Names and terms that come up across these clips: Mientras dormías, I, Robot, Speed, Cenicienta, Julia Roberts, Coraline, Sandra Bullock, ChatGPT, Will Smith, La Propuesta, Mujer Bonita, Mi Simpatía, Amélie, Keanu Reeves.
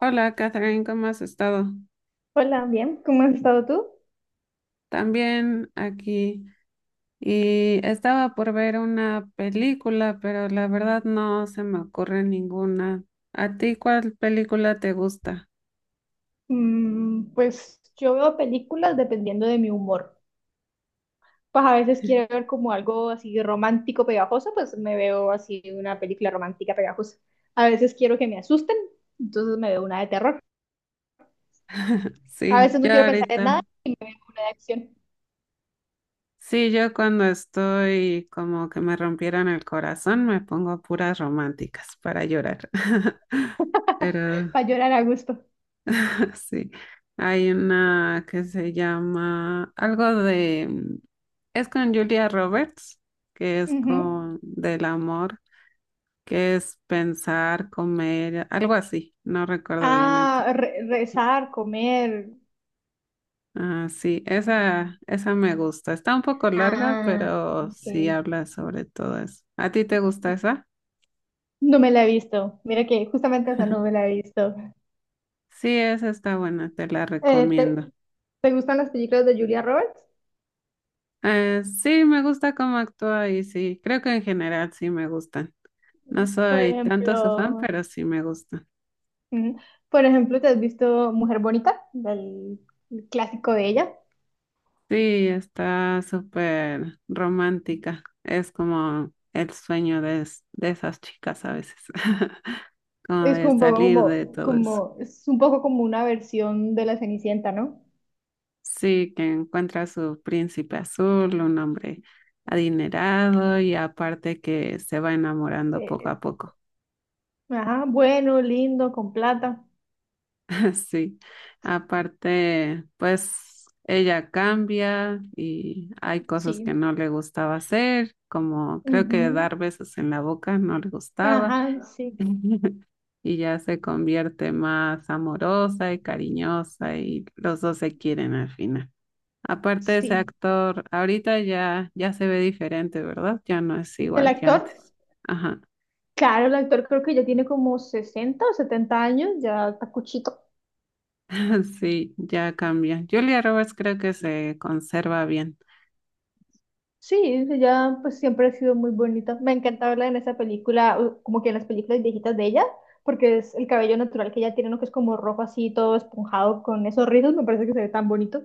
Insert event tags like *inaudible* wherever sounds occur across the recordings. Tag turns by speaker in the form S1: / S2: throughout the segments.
S1: Hola, Catherine, ¿cómo has estado?
S2: Hola, bien, ¿cómo has estado tú?
S1: También aquí. Y estaba por ver una película, pero la verdad no se me ocurre ninguna. ¿A ti cuál película te gusta?
S2: Pues yo veo películas dependiendo de mi humor. Pues a veces quiero ver como algo así romántico pegajoso, pues me veo así una película romántica pegajosa. A veces quiero que me asusten, entonces me veo una de terror. A
S1: Sí,
S2: veces no
S1: yo
S2: quiero pensar en nada
S1: ahorita.
S2: y me veo de acción.
S1: Sí, yo cuando estoy como que me rompieron el corazón, me pongo puras románticas para llorar. *laughs*
S2: *laughs*
S1: Pero
S2: Para llorar a gusto.
S1: sí, hay una que se llama algo de, es con Julia Roberts, que es
S2: Ujú.
S1: con del amor, que es pensar, comer, algo así, no recuerdo bien el título.
S2: Ah, rezar, comer.
S1: Ah, sí, esa me gusta. Está un poco larga,
S2: Ah,
S1: pero sí
S2: ok.
S1: habla sobre todo eso. ¿A ti te gusta esa?
S2: No me la he visto. Mira que justamente esa no me la he visto.
S1: Sí, esa está buena, te la
S2: Eh, te-
S1: recomiendo.
S2: ¿Te gustan las películas de Julia Roberts?
S1: Sí, me gusta cómo actúa y sí, creo que en general sí me gusta. No
S2: Por
S1: soy tanto su fan,
S2: ejemplo,
S1: pero sí me gusta.
S2: mm, por ejemplo, ¿te has visto Mujer Bonita? Del el clásico de ella.
S1: Sí, está súper romántica. Es como el sueño de, de esas chicas a veces, *laughs* como
S2: Es
S1: de
S2: como un poco
S1: salir de todo eso.
S2: es un poco como una versión de la Cenicienta, ¿no?
S1: Sí, que encuentra a su príncipe azul, un hombre adinerado y aparte que se va enamorando poco
S2: Eh,
S1: a poco.
S2: ajá, bueno, lindo, con plata.
S1: *laughs* Sí, aparte, pues ella cambia y hay cosas que
S2: Sí.
S1: no le gustaba hacer, como creo que dar
S2: Ujú.
S1: besos en la boca no le gustaba
S2: Ajá, sí,
S1: *laughs* y ya se convierte más amorosa y cariñosa y los dos se quieren al final. Aparte ese
S2: sí.
S1: actor, ahorita ya se ve diferente, ¿verdad? Ya no es
S2: ¿El
S1: igual que
S2: actor?
S1: antes. Ajá,
S2: Claro, el actor creo que ya tiene como 60 o 70 años, ya está cuchito.
S1: *laughs* sí, ya cambia. Julia Roberts creo que se conserva bien.
S2: Sí, ella pues siempre ha sido muy bonita. Me encanta verla en esa película, como que en las películas viejitas de ella, porque es el cabello natural que ella tiene, ¿no? Que es como rojo así, todo esponjado con esos rizos, me parece que se ve tan bonito.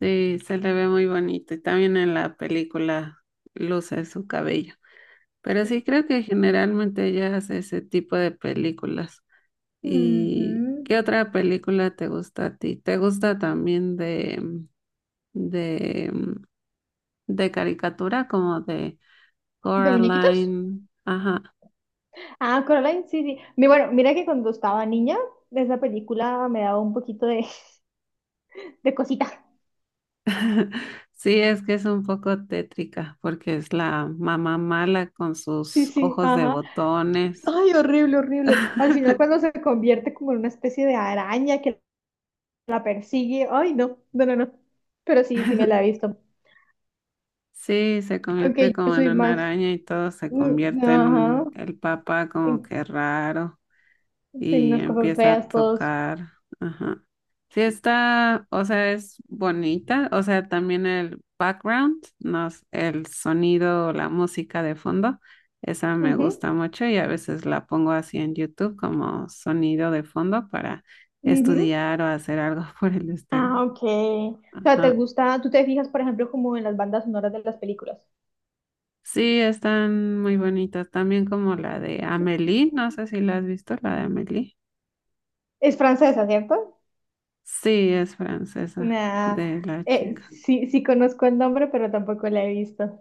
S1: Sí, se le ve muy bonito y también en la película luce su cabello. Pero sí creo que generalmente ella hace ese tipo de películas. ¿Y
S2: Ujú.
S1: qué otra película te gusta a ti? ¿Te gusta también de de caricatura como de
S2: ¿De muñequitos?
S1: Coraline? Ajá.
S2: Ah, Coraline, sí, sí. Bueno, mira que cuando estaba niña, esa película me daba un poquito de, *laughs* de cosita.
S1: *laughs* Sí, es que es un poco tétrica porque es la mamá mala con
S2: Sí,
S1: sus
S2: sí,
S1: ojos de
S2: ajá.
S1: botones.
S2: Ay, horrible, horrible. Al final
S1: *laughs*
S2: cuando se convierte como en una especie de araña que la persigue, ay, no, no, no, no. Pero sí, sí me la he visto.
S1: Sí, se convierte
S2: Aunque yo
S1: como en
S2: soy
S1: una
S2: más,
S1: araña y todo se convierte
S2: ajá,
S1: en el papá como
S2: en,
S1: que raro
S2: en
S1: y
S2: las cosas
S1: empieza a
S2: feas, todos.
S1: tocar. Ajá. Sí está, o sea, es bonita, o sea, también el background, no, el sonido, la música de fondo, esa me
S2: Ujú,
S1: gusta mucho y a veces la pongo así en YouTube como sonido de fondo para
S2: ujú.
S1: estudiar o hacer algo *laughs* por el estilo.
S2: Ah, ok. O sea, ¿te
S1: Ajá.
S2: gusta, tú te fijas, por ejemplo, como en las bandas sonoras de las películas?
S1: Sí, están muy bonitas. También como la de Amélie, no sé si la has visto, la de Amélie.
S2: Es francesa, ¿cierto?
S1: Sí, es francesa
S2: Nah,
S1: de la chica.
S2: sí, sí conozco el nombre, pero tampoco la he visto.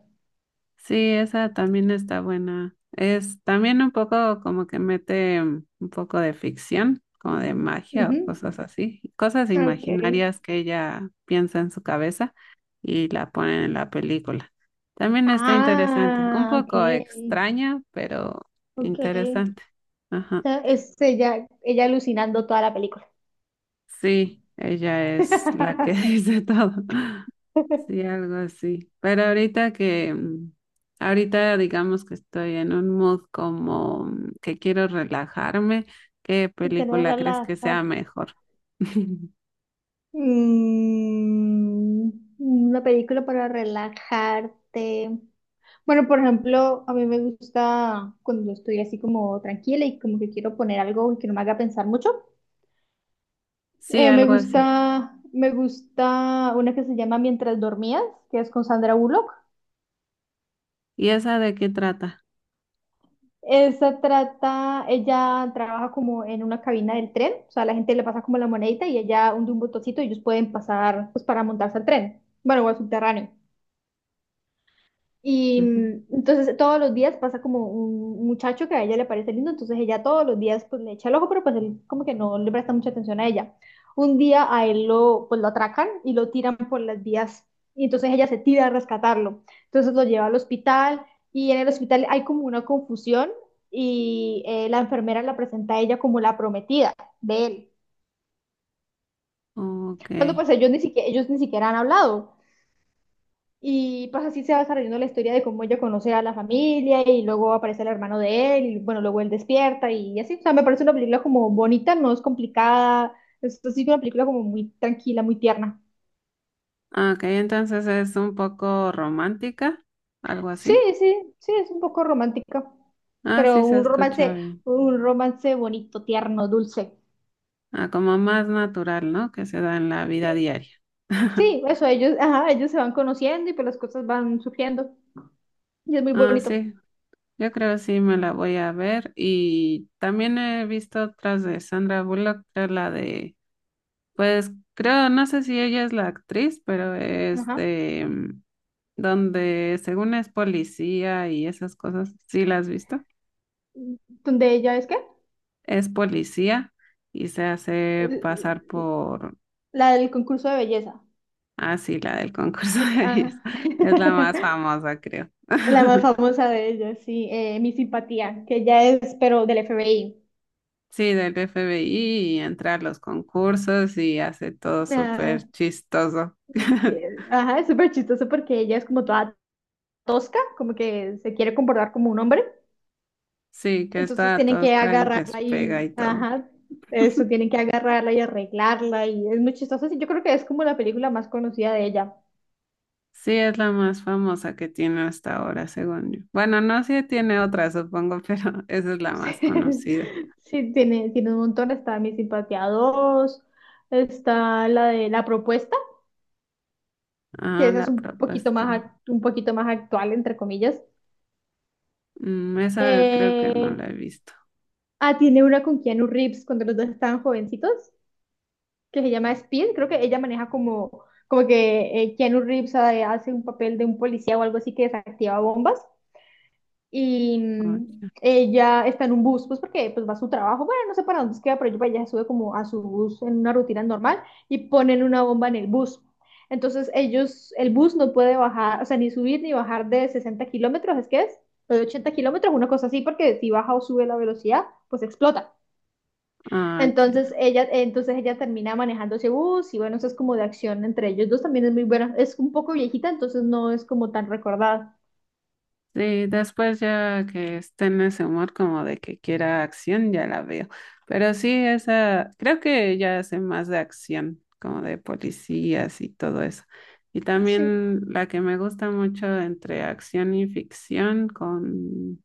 S1: Sí, esa también está buena. Es también un poco como que mete un poco de ficción, como de magia
S2: Ujú,
S1: o cosas así, cosas
S2: ok.
S1: imaginarias que ella piensa en su cabeza y la ponen en la película. También está interesante, un
S2: Ah,
S1: poco
S2: ok,
S1: extraña, pero
S2: ok.
S1: interesante. Ajá.
S2: O sea, es ella alucinando toda la película.
S1: Sí, ella es la que *laughs*
S2: *laughs*
S1: dice todo. Sí, algo así. Pero ahorita que, ahorita digamos que estoy en un mood como que quiero relajarme, ¿qué
S2: Sin querer
S1: película crees que
S2: darla.
S1: sea mejor? *laughs*
S2: Mm, una película para relajarte. Bueno, por ejemplo, a mí me gusta cuando estoy así como tranquila y como que quiero poner algo que no me haga pensar mucho.
S1: Sí, algo así.
S2: Me gusta una que se llama Mientras dormías, que es con Sandra Bullock.
S1: ¿Y esa de qué trata?
S2: Esa trata, ella trabaja como en una cabina del tren, o sea, la gente le pasa como la monedita y ella hunde un botoncito y ellos pueden pasar pues para montarse al tren, bueno, o al subterráneo. Y entonces todos los días pasa como un muchacho que a ella le parece lindo, entonces ella todos los días pues le echa el ojo, pero pues él como que no le presta mucha atención a ella. Un día a él lo, pues, lo atracan y lo tiran por las vías y entonces ella se tira a rescatarlo. Entonces lo lleva al hospital y en el hospital hay como una confusión y la enfermera la presenta a ella como la prometida de él.
S1: Ujú. Ok.
S2: Cuando pues ellos ni siquiera han hablado. Y pues así se va desarrollando la historia de cómo ella conoce a la familia y luego aparece el hermano de él y bueno, luego él despierta y así. O sea, me parece una película como bonita, no es complicada, es así una película como muy tranquila, muy tierna.
S1: Ah, ok, entonces es un poco romántica, algo
S2: Sí,
S1: así.
S2: sí, sí, es un poco romántica,
S1: Ah, sí,
S2: pero
S1: se escucha bien.
S2: un romance bonito, tierno, dulce.
S1: Ah, como más natural, ¿no? Que se da en la vida diaria. *laughs*
S2: Sí, eso, ellos, ajá, ellos se van conociendo y pues las cosas van surgiendo y es muy
S1: Ah,
S2: bonito.
S1: sí, yo creo sí me la voy a ver. Y también he visto otras de Sandra Bullock, creo la de, pues creo, no sé si ella es la actriz, pero es
S2: Ajá.
S1: de donde según es policía y esas cosas, sí la has visto,
S2: Donde ella es que
S1: es policía y se hace pasar
S2: el
S1: por,
S2: la del concurso de belleza.
S1: ah, sí, la del concurso *laughs* de belleza.
S2: Ajá.
S1: Es la más
S2: *laughs*
S1: famosa, creo.
S2: La más
S1: *laughs*
S2: famosa de ellas, sí, Mi Simpatía, que ella es, pero del FBI.
S1: Sí, del FBI y entra a los concursos y hace todo súper
S2: Ah,
S1: chistoso.
S2: sí,
S1: *laughs*
S2: ajá, es súper chistoso porque ella es como toda tosca, como que se quiere comportar como un hombre.
S1: Sí, que
S2: Entonces
S1: está
S2: tienen que
S1: tosca y les
S2: agarrarla
S1: pega y
S2: y,
S1: todo.
S2: ajá, eso, tienen que agarrarla y arreglarla y es muy chistoso. Sí, yo creo que es como la película más conocida de ella.
S1: Sí, es la más famosa que tiene hasta ahora, según yo. Bueno, no sé si tiene otra, supongo, *laughs* pero esa es la más conocida.
S2: *laughs* Sí, tiene, tiene un montón, está Mi Simpatía dos, está la de La Propuesta, que
S1: Ah,
S2: esa es
S1: la
S2: un poquito
S1: propuesta.
S2: más, un poquito más actual, entre comillas.
S1: Mm, esa creo que no
S2: Eh,
S1: la he visto.
S2: tiene una con Keanu Reeves cuando los dos estaban jovencitos, que se llama Speed. Creo que ella maneja como, como que Keanu Reeves hace un papel de un policía o algo así que desactiva bombas. Y
S1: Oye,
S2: ella está en un bus, pues porque pues va a su trabajo, bueno, no sé para dónde es que va, pero ella sube como a su bus en una rutina normal y ponen una bomba en el bus. Entonces ellos, el bus no puede bajar, o sea, ni subir ni bajar de 60 kilómetros, ¿es que es? O de 80 kilómetros, una cosa así, porque si baja o sube la velocidad, pues explota.
S1: ah, ya.
S2: Entonces ella termina manejando ese bus y bueno, eso es como de acción entre ellos dos, también es muy buena, es un poco viejita, entonces no es como tan recordada.
S1: Sí, después ya que esté en ese humor como de que quiera acción, ya la veo. Pero sí, esa, creo que ya hace más de acción, como de policías y todo eso. Y
S2: Sí.
S1: también la que me gusta mucho entre acción y ficción, con,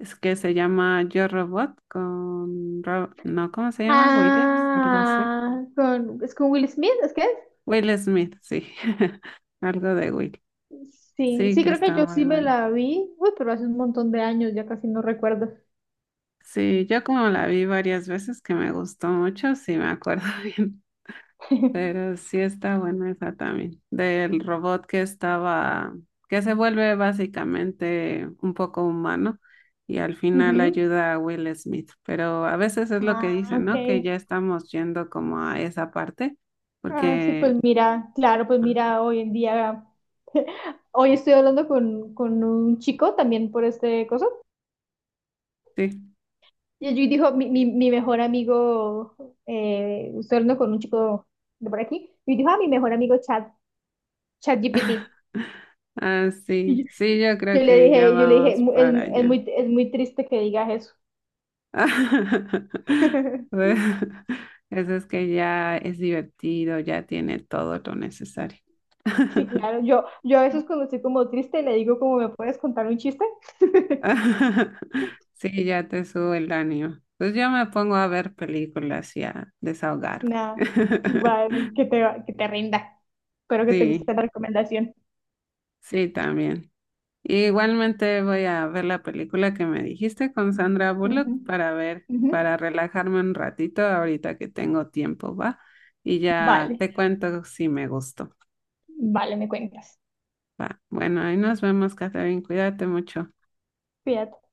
S1: es que se llama Yo Robot, con, no, ¿cómo se llama? Williams, algo así.
S2: Ah, con, ¿es con Will Smith? ¿Es que es?
S1: Will Smith, sí, *laughs* algo de Will.
S2: Sí,
S1: Sí,
S2: sí,
S1: que
S2: creo que
S1: está
S2: yo
S1: muy
S2: sí me
S1: bueno.
S2: la vi. Uy, pero hace un montón de años, ya casi no recuerdo.
S1: Sí, yo como la vi varias veces que me gustó mucho, sí me acuerdo *laughs* bien,
S2: *laughs*
S1: pero sí está buena esa también, del robot que estaba, que se vuelve básicamente un poco humano y al final
S2: Ujú.
S1: ayuda a Will Smith, pero a veces es lo que
S2: Ah,
S1: dicen,
S2: ok.
S1: ¿no? Que ya estamos yendo como a esa parte,
S2: Ah, sí,
S1: porque
S2: pues mira, claro, pues
S1: ah,
S2: mira, hoy en día, *laughs* hoy estoy hablando con un chico también por este cosa.
S1: sí,
S2: Y allí dijo, mi mejor amigo, estoy hablando con un chico de por aquí, y dijo, ah, mi mejor amigo ChatGPT.
S1: *laughs* ah, sí, sí, yo creo que ya
S2: Yo le dije,
S1: vamos para allá.
S2: Es muy triste que digas eso".
S1: *laughs*
S2: *laughs*
S1: Bueno, eso es que ya es divertido, ya tiene todo lo necesario.
S2: Sí, claro, yo a veces cuando estoy como triste le digo como, ¿me puedes contar un chiste? *laughs*
S1: *laughs* Sí, ya te sube el ánimo. Pues yo me pongo a ver películas y a desahogar.
S2: Nada,
S1: *laughs*
S2: vale, que te rinda. Espero que te
S1: Sí,
S2: guste la recomendación.
S1: sí, también. Igualmente voy a ver la película que me dijiste con Sandra Bullock para ver,
S2: Ujú, ujú.
S1: para relajarme un ratito ahorita que tengo tiempo, ¿va? Y ya
S2: Vale,
S1: te cuento si me gustó.
S2: vale, me cuentas.
S1: Va, bueno, ahí nos vemos, Catherine. Cuídate mucho.
S2: Cuídate.